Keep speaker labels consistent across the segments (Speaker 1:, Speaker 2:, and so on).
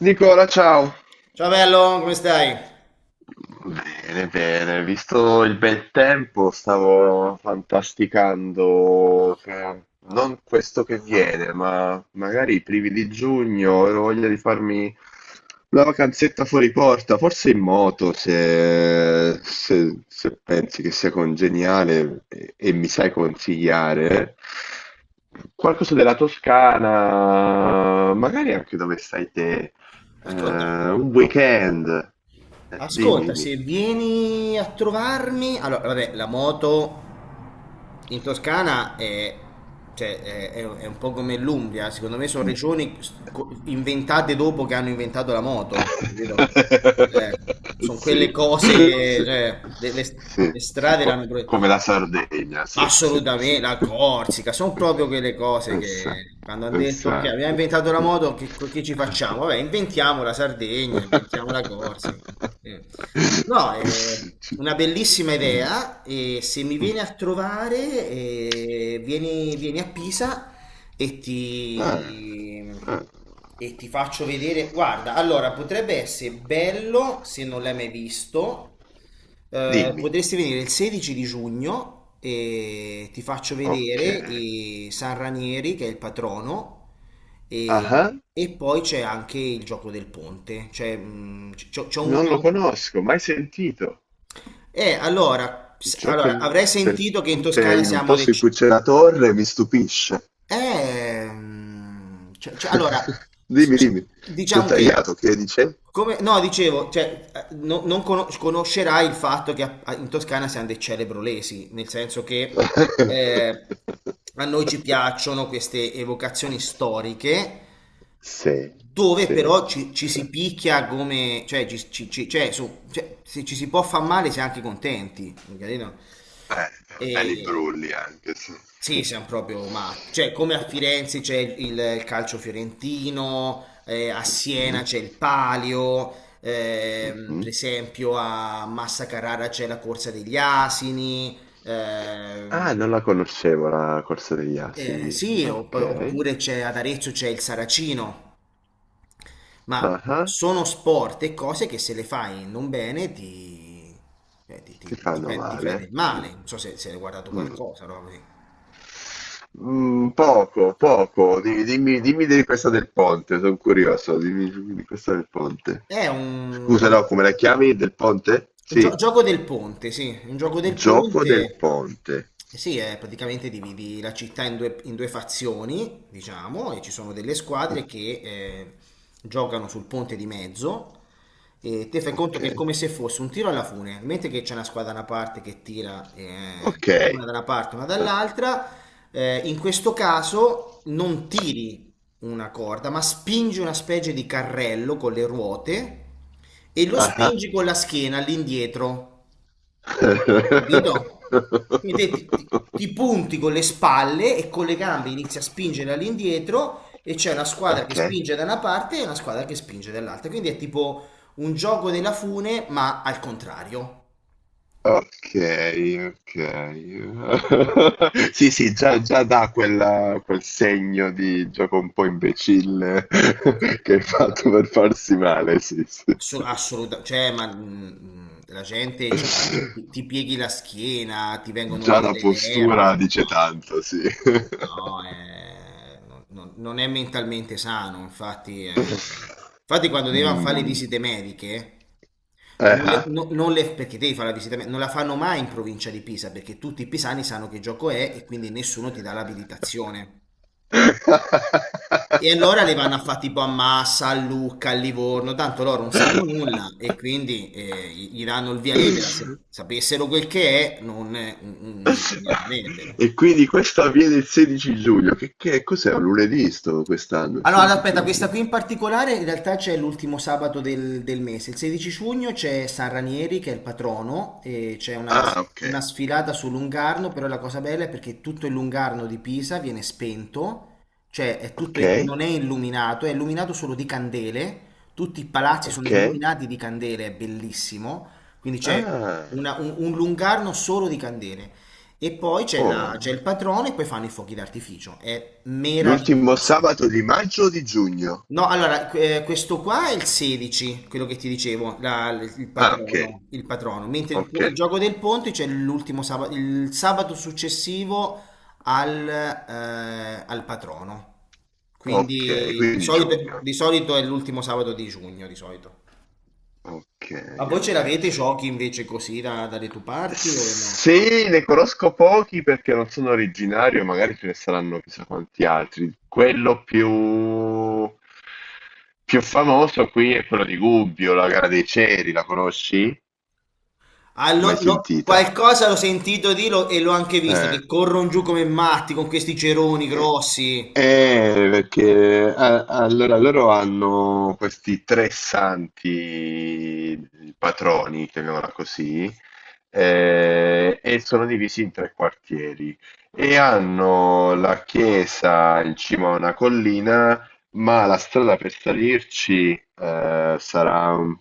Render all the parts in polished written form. Speaker 1: Nicola, ciao.
Speaker 2: Ciao bello, come stai?
Speaker 1: Bene, bene, visto il bel tempo, stavo fantasticando che non questo che viene, ma magari i primi di giugno, ho voglia di farmi una vacanzetta fuori porta, forse in moto, se pensi che sia congeniale e mi sai consigliare. Qualcosa della Toscana, magari anche dove stai te,
Speaker 2: Ascolta,
Speaker 1: un weekend. Dimmi,
Speaker 2: ascolta,
Speaker 1: dimmi.
Speaker 2: se vieni a trovarmi, allora vabbè, la moto in Toscana è, cioè, è un po' come l'Umbria, secondo me sono regioni inventate dopo che hanno inventato la moto, capito? Sono quelle
Speaker 1: Sì,
Speaker 2: cose,
Speaker 1: sì,
Speaker 2: cioè,
Speaker 1: sì,
Speaker 2: le
Speaker 1: sì,
Speaker 2: strade l'hanno.
Speaker 1: come la Sardegna, sì, sì, sì.
Speaker 2: Assolutamente, la Corsica, sono proprio quelle cose
Speaker 1: Essa-
Speaker 2: che quando hanno detto ok, abbiamo
Speaker 1: Esatto.
Speaker 2: inventato la moto, che ci facciamo? Vabbè, inventiamo la Sardegna, inventiamo la Corsica. Eh. No, è
Speaker 1: Ci-
Speaker 2: una bellissima
Speaker 1: mm,
Speaker 2: idea e se mi vieni
Speaker 1: mm.
Speaker 2: a trovare, vieni a Pisa e
Speaker 1: Ah,
Speaker 2: ti,
Speaker 1: ah.
Speaker 2: e ti faccio vedere. Guarda, allora potrebbe essere bello se non l'hai mai visto.
Speaker 1: Dimmi,
Speaker 2: Potresti venire il 16 di giugno e ti faccio
Speaker 1: ok.
Speaker 2: vedere i San Ranieri, che è il patrono,
Speaker 1: Ah,
Speaker 2: e poi c'è anche il gioco del ponte. Cioè, c'ho
Speaker 1: non
Speaker 2: una.
Speaker 1: lo conosco, mai sentito.
Speaker 2: Eh, allora,
Speaker 1: Il
Speaker 2: s-
Speaker 1: gioco
Speaker 2: allora, avrei
Speaker 1: del
Speaker 2: sentito che in
Speaker 1: ponte
Speaker 2: Toscana
Speaker 1: in un
Speaker 2: siamo
Speaker 1: posto in
Speaker 2: decisi.
Speaker 1: cui c'è la torre mi stupisce.
Speaker 2: Ehm, cioè- cioè, allora, s-
Speaker 1: Dimmi,
Speaker 2: s-
Speaker 1: dimmi, ti ho
Speaker 2: diciamo che,
Speaker 1: tagliato, che dicevi?
Speaker 2: come, no, dicevo, cioè, non conoscerai il fatto che in Toscana siamo dei celebrolesi, nel senso che eh, a noi ci piacciono queste evocazioni storiche,
Speaker 1: Sì,
Speaker 2: dove
Speaker 1: sì,
Speaker 2: però ci
Speaker 1: sì.
Speaker 2: si picchia come, cioè, cioè, cioè, se ci si può far male si è anche contenti, capito?
Speaker 1: Belli
Speaker 2: E
Speaker 1: brulli anche, sì.
Speaker 2: sì,
Speaker 1: Sì.
Speaker 2: siamo proprio matti. Cioè, come a Firenze c'è il calcio fiorentino, a
Speaker 1: Mhm,
Speaker 2: Siena c'è il Palio, per
Speaker 1: mhm.
Speaker 2: esempio a Massa Carrara c'è la corsa degli asini.
Speaker 1: Ah,
Speaker 2: ehm,
Speaker 1: non la conoscevo la corsa degli asini.
Speaker 2: sì,
Speaker 1: Ok.
Speaker 2: oppure c'è ad Arezzo c'è il Saracino. Ma
Speaker 1: Ah, ah.
Speaker 2: sono sport e cose che se le fai non bene
Speaker 1: Ti fanno
Speaker 2: ti fai del
Speaker 1: male? Mm,
Speaker 2: male. Non so se hai guardato
Speaker 1: mm.
Speaker 2: qualcosa, no?
Speaker 1: Mm, poco, poco. Dimmi, dimmi di questa del ponte, sono curioso. Dimmi, dimmi di questa del ponte.
Speaker 2: È
Speaker 1: Scusa,
Speaker 2: un
Speaker 1: no, come la chiami? Del ponte? Sì,
Speaker 2: gioco del ponte, sì, un gioco del
Speaker 1: gioco del
Speaker 2: ponte.
Speaker 1: ponte.
Speaker 2: Sì, è praticamente dividi la città in due fazioni, diciamo, e ci sono delle
Speaker 1: Mm,
Speaker 2: squadre che giocano sul ponte di mezzo e te fai conto
Speaker 1: ok,
Speaker 2: che è come se fosse un tiro alla fune, mentre che c'è una squadra da una parte che tira,
Speaker 1: ok.
Speaker 2: una da una parte, una dall'altra, in questo caso non tiri una corda, ma spingi una specie di carrello con le ruote e lo
Speaker 1: Ah, ah.
Speaker 2: spingi con la schiena all'indietro, capito? Quindi te ti punti con le spalle e con le gambe inizi a spingere all'indietro e c'è una squadra che
Speaker 1: Ok.
Speaker 2: spinge da una parte e una squadra che spinge dall'altra. Quindi è tipo un gioco della fune, ma al contrario.
Speaker 1: Okay, okay. Sì, sì, già dà quel segno di gioco un po' imbecille che hai fatto per farsi male, sì, sì, sì.
Speaker 2: Assolutamente, cioè, ma la gente cioè, ti pieghi la schiena, ti vengono
Speaker 1: Già
Speaker 2: le,
Speaker 1: la
Speaker 2: le, le ernie.
Speaker 1: postura dice tanto, sì.
Speaker 2: No, no, non è mentalmente sano, infatti. Infatti quando devono fare le
Speaker 1: Mh.
Speaker 2: visite mediche, non le,
Speaker 1: Eh-eh.
Speaker 2: no- non le- perché devi fare la visita medica, non la fanno mai in provincia di Pisa, perché tutti i pisani sanno che gioco è e quindi nessuno ti dà l'abilitazione. E allora le vanno a fare tipo a Massa, a Lucca, a Livorno, tanto loro non sanno nulla e quindi gli danno il via libera. Se sapessero quel che è, non gli darebbero.
Speaker 1: E quindi questo avviene il 16 giugno. Che cos'è? Un lunedì sto quest'anno, il
Speaker 2: Allora,
Speaker 1: 16
Speaker 2: aspetta, questa
Speaker 1: giugno.
Speaker 2: qui in particolare in realtà c'è l'ultimo sabato del mese. Il 16 giugno c'è San Ranieri che è il patrono e c'è una,
Speaker 1: Ah, ok.
Speaker 2: una sfilata su Lungarno, però la cosa bella è perché tutto il Lungarno di Pisa viene spento, cioè è tutto,
Speaker 1: Ok,
Speaker 2: non è illuminato, è illuminato solo di candele, tutti i palazzi sono
Speaker 1: ok.
Speaker 2: illuminati di candele, è bellissimo, quindi c'è
Speaker 1: Ah,
Speaker 2: un Lungarno solo di candele. E poi c'è c'è
Speaker 1: oh.
Speaker 2: il patrono e poi fanno i fuochi d'artificio, è
Speaker 1: L'ultimo
Speaker 2: meraviglioso.
Speaker 1: sabato di maggio o di giugno?
Speaker 2: No, allora, questo qua è il 16, quello che ti dicevo, il
Speaker 1: Ah, ok.
Speaker 2: patrono, il patrono. Mentre il,
Speaker 1: Ok,
Speaker 2: po- il gioco del ponte c'è l'ultimo sabato, il sabato successivo al patrono.
Speaker 1: ok,
Speaker 2: Quindi di
Speaker 1: quindi
Speaker 2: solito,
Speaker 1: giugno.
Speaker 2: di solito è l'ultimo sabato di giugno, di solito.
Speaker 1: Ok,
Speaker 2: Ma voi ce
Speaker 1: ok.
Speaker 2: l'avete i giochi invece così dalle tue parti o no?
Speaker 1: Sì, ne conosco pochi perché non sono originario, magari ce ne saranno chissà quanti altri. Quello più famoso qui è quello di Gubbio, la gara dei ceri, la conosci?
Speaker 2: Ah,
Speaker 1: Mai sentita?
Speaker 2: qualcosa l'ho sentito e l'ho anche vista,
Speaker 1: Eh.
Speaker 2: che corrono giù come matti con questi ceroni
Speaker 1: Eh,
Speaker 2: grossi.
Speaker 1: Perché allora loro hanno questi tre santi patroni, chiamiamola così, e sono divisi in tre quartieri e hanno la chiesa in cima a una collina, ma la strada per salirci, sarà un,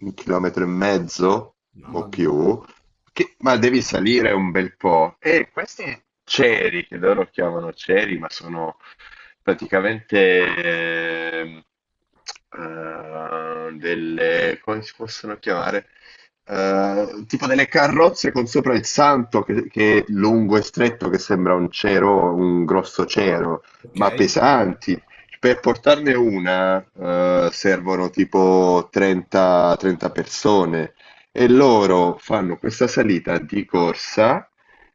Speaker 1: un chilometro e mezzo o
Speaker 2: Mamma mia.
Speaker 1: più, ma devi salire un bel po'. E questi ceri, che loro chiamano ceri, ma sono praticamente come si possono chiamare? Tipo delle carrozze con sopra il santo che è lungo e stretto, che sembra un cero, un grosso cero,
Speaker 2: Ok.
Speaker 1: ma pesanti, per portarne una, servono tipo 30, 30 persone e loro fanno questa salita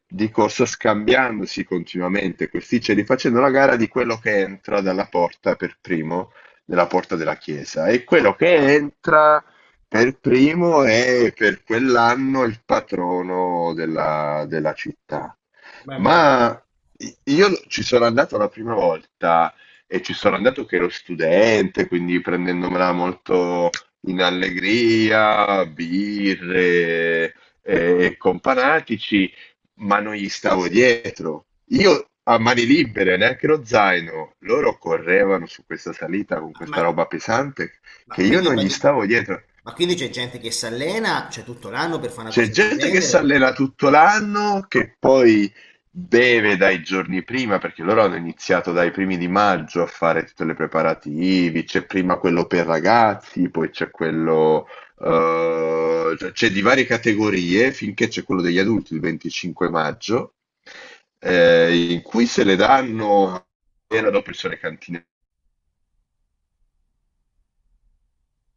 Speaker 1: di corsa scambiandosi continuamente questi ceri, facendo la gara di quello che entra dalla porta per primo, della porta della chiesa. E quello che entra per primo è per quell'anno il patrono della città.
Speaker 2: Ma me la.
Speaker 1: Ma io ci sono andato la prima volta e ci sono andato che ero studente, quindi prendendomela molto in allegria, birre e companatici, ma non gli stavo dietro. Io a mani libere, neanche lo zaino, loro correvano su questa salita con
Speaker 2: Ma,
Speaker 1: questa roba pesante
Speaker 2: ma
Speaker 1: che io
Speaker 2: quindi,
Speaker 1: non gli
Speaker 2: prati-
Speaker 1: stavo dietro.
Speaker 2: ma quindi, c'è gente che si allena, cioè tutto l'anno per fare una
Speaker 1: C'è
Speaker 2: cosa del
Speaker 1: gente che si
Speaker 2: genere?
Speaker 1: allena tutto l'anno, che poi beve dai giorni prima, perché loro hanno iniziato dai primi di maggio a fare tutte le preparativi, c'è prima quello per ragazzi, poi c'è quello, cioè c'è di varie categorie, finché c'è quello degli adulti il 25 maggio, in cui se le danno. Appena dopo ci sono le cantine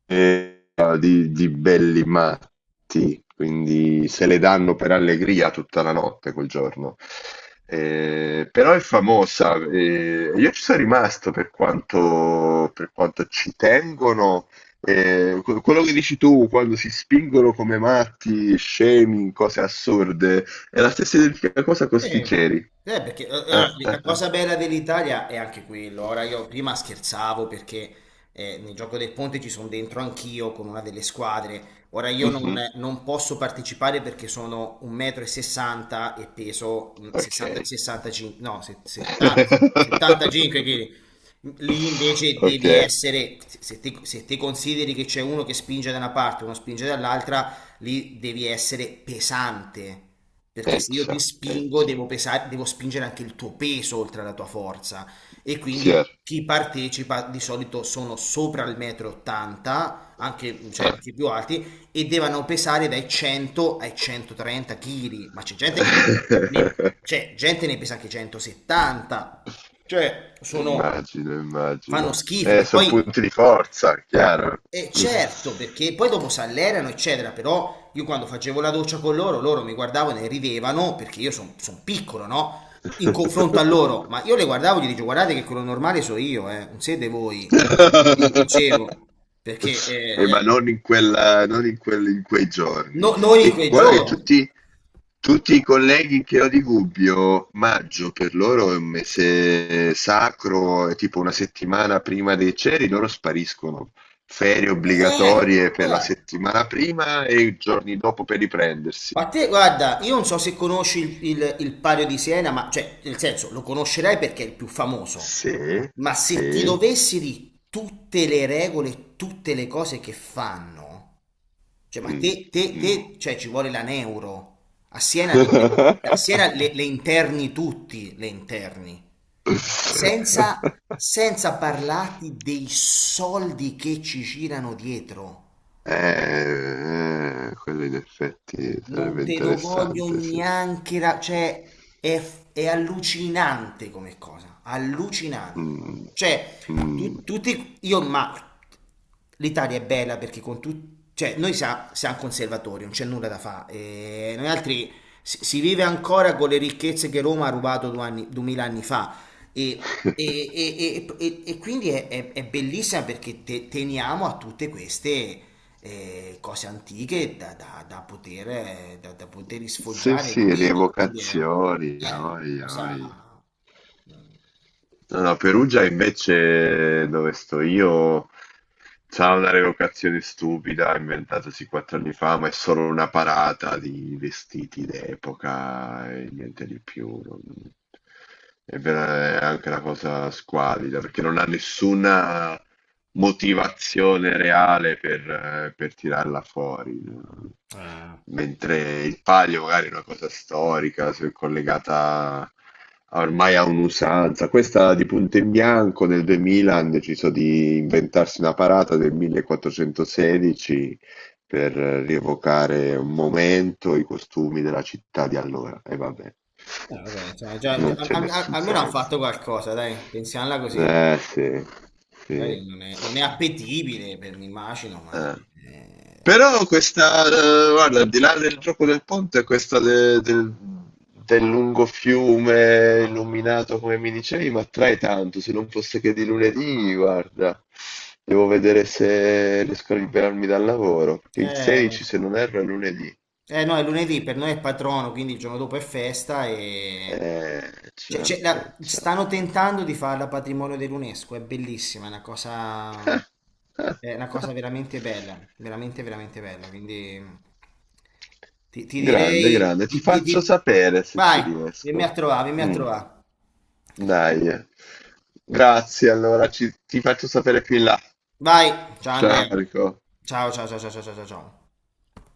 Speaker 1: Eh, di belli matti, quindi se le danno per allegria tutta la notte quel giorno. Però è famosa, io ci sono rimasto per quanto, ci tengono. Quello che dici tu quando si spingono come matti, scemi, in cose assurde, è la stessa identica cosa con
Speaker 2: Sì.
Speaker 1: sti ceri.
Speaker 2: Perché allora, la
Speaker 1: Eh.
Speaker 2: cosa bella dell'Italia è anche quello. Ora io prima scherzavo perché nel gioco del ponte ci sono dentro anch'io con una delle squadre. Ora io non,
Speaker 1: Mhm,
Speaker 2: non posso partecipare perché sono 1,60 m e 60 e peso 60,
Speaker 1: ok.
Speaker 2: 65, no, 70 75 kg. Lì invece
Speaker 1: Ok.
Speaker 2: devi essere, se te consideri che c'è uno che spinge da una parte, uno spinge dall'altra, lì devi essere pesante, perché se io ti
Speaker 1: Eh
Speaker 2: spingo
Speaker 1: già,
Speaker 2: devo pesare, devo spingere anche il tuo peso oltre alla tua forza e quindi
Speaker 1: chiaro.
Speaker 2: chi partecipa di solito sono sopra il metro 80, anche, cioè,
Speaker 1: Eh.
Speaker 2: anche più alti, e devono pesare dai 100 ai 130 kg, ma ne- c'è gente ne pesa anche 170, cioè sono,
Speaker 1: Immagino,
Speaker 2: fanno
Speaker 1: immagino.
Speaker 2: schifo, che
Speaker 1: Sono
Speaker 2: poi
Speaker 1: punti di forza, chiaro.
Speaker 2: certo, perché poi dopo s'allenano, eccetera, però io quando facevo la doccia con loro, loro mi guardavano e ridevano perché io sono piccolo, no? In confronto a loro, ma io le guardavo e gli dicevo, guardate che quello normale sono io, non siete voi. Gli dicevo, perché
Speaker 1: Ma non in quei giorni.
Speaker 2: non in
Speaker 1: E
Speaker 2: quei
Speaker 1: guarda che
Speaker 2: giorni.
Speaker 1: tutti i colleghi che ho di Gubbio, maggio per loro è un mese sacro, è tipo una settimana prima dei ceri, loro spariscono. Ferie
Speaker 2: Eh,
Speaker 1: obbligatorie per la
Speaker 2: guarda.
Speaker 1: settimana prima e i giorni dopo per riprendersi.
Speaker 2: Ma te, guarda, io non so se conosci il Palio di Siena, ma cioè, nel senso, lo conoscerai perché è il più famoso.
Speaker 1: Sì,
Speaker 2: Ma se ti
Speaker 1: sì.
Speaker 2: dovessi di tutte le regole, tutte le cose che fanno, cioè, ma
Speaker 1: Mm,
Speaker 2: te, te,
Speaker 1: mm.
Speaker 2: te cioè, ci vuole la neuro. A Siena, le interni tutti, le interni, senza, senza parlarti dei soldi che ci girano dietro.
Speaker 1: Quello in effetti
Speaker 2: Non
Speaker 1: sarebbe
Speaker 2: te lo voglio
Speaker 1: interessante, sì.
Speaker 2: neanche cioè è allucinante come cosa, allucinante.
Speaker 1: Mm,
Speaker 2: Cioè,
Speaker 1: mm.
Speaker 2: tutti io ma l'Italia è bella perché con tutti cioè noi siamo conservatori, non c'è nulla da fare. Noi altri si vive ancora con le ricchezze che Roma ha rubato 2000 anni fa e, e- e- e- e- e quindi è bellissima perché teniamo a tutte queste cose antiche da poter
Speaker 1: Sì,
Speaker 2: sfoggiare e
Speaker 1: sì,
Speaker 2: rivivere. Quindi è,
Speaker 1: rievocazioni,
Speaker 2: è una
Speaker 1: oi,
Speaker 2: cosa.
Speaker 1: oi. No, no, Perugia invece, dove sto io, c'ha una revocazione stupida, inventatosi 4 anni fa, ma è solo una parata di vestiti d'epoca e niente di più. È anche una cosa squalida, perché non ha nessuna motivazione reale per tirarla fuori, no?
Speaker 2: Ah,
Speaker 1: Mentre il palio magari è una cosa storica, se è collegata ormai a un'usanza. Questa di punto in bianco nel 2000 hanno deciso di inventarsi una parata del 1416 per rievocare un momento, i costumi della città di allora. E vabbè,
Speaker 2: eh, vabbè, insomma,
Speaker 1: non c'è nessun
Speaker 2: almeno hanno
Speaker 1: senso.
Speaker 2: fatto qualcosa, dai, pensiamola così.
Speaker 1: Eh sì,
Speaker 2: Magari
Speaker 1: sì.
Speaker 2: non è appetibile per mi immagino,
Speaker 1: Eh. Però questa, guarda, al di là del gioco del ponte, questa del lungo fiume illuminato come mi dicevi, mi attrae tanto. Se non fosse che di lunedì, guarda, devo vedere se riesco a liberarmi dal lavoro, perché il
Speaker 2: eh,
Speaker 1: 16, se non erro, è lunedì.
Speaker 2: Eh no, è lunedì, per noi è patrono, quindi il giorno dopo è festa e.
Speaker 1: Eh,
Speaker 2: Cioè,
Speaker 1: ciao,
Speaker 2: cioè,
Speaker 1: ciao.
Speaker 2: stanno tentando di farla patrimonio dell'UNESCO, è bellissima, è una cosa.
Speaker 1: Ah, ah,
Speaker 2: È una
Speaker 1: ah.
Speaker 2: cosa veramente bella, veramente, veramente bella, quindi ti
Speaker 1: Grande,
Speaker 2: direi.
Speaker 1: grande, ti faccio sapere se
Speaker 2: Vai,
Speaker 1: ci
Speaker 2: vieni a
Speaker 1: riesco.
Speaker 2: trovare, vieni a
Speaker 1: Mm.
Speaker 2: trovare.
Speaker 1: Dai. Grazie, allora ti faccio sapere più in là.
Speaker 2: Vai, ciao Andrea.
Speaker 1: Ciao, Enrico.
Speaker 2: Ciao, ciao, ciao, ciao, ciao, ciao, ciao. Ciao.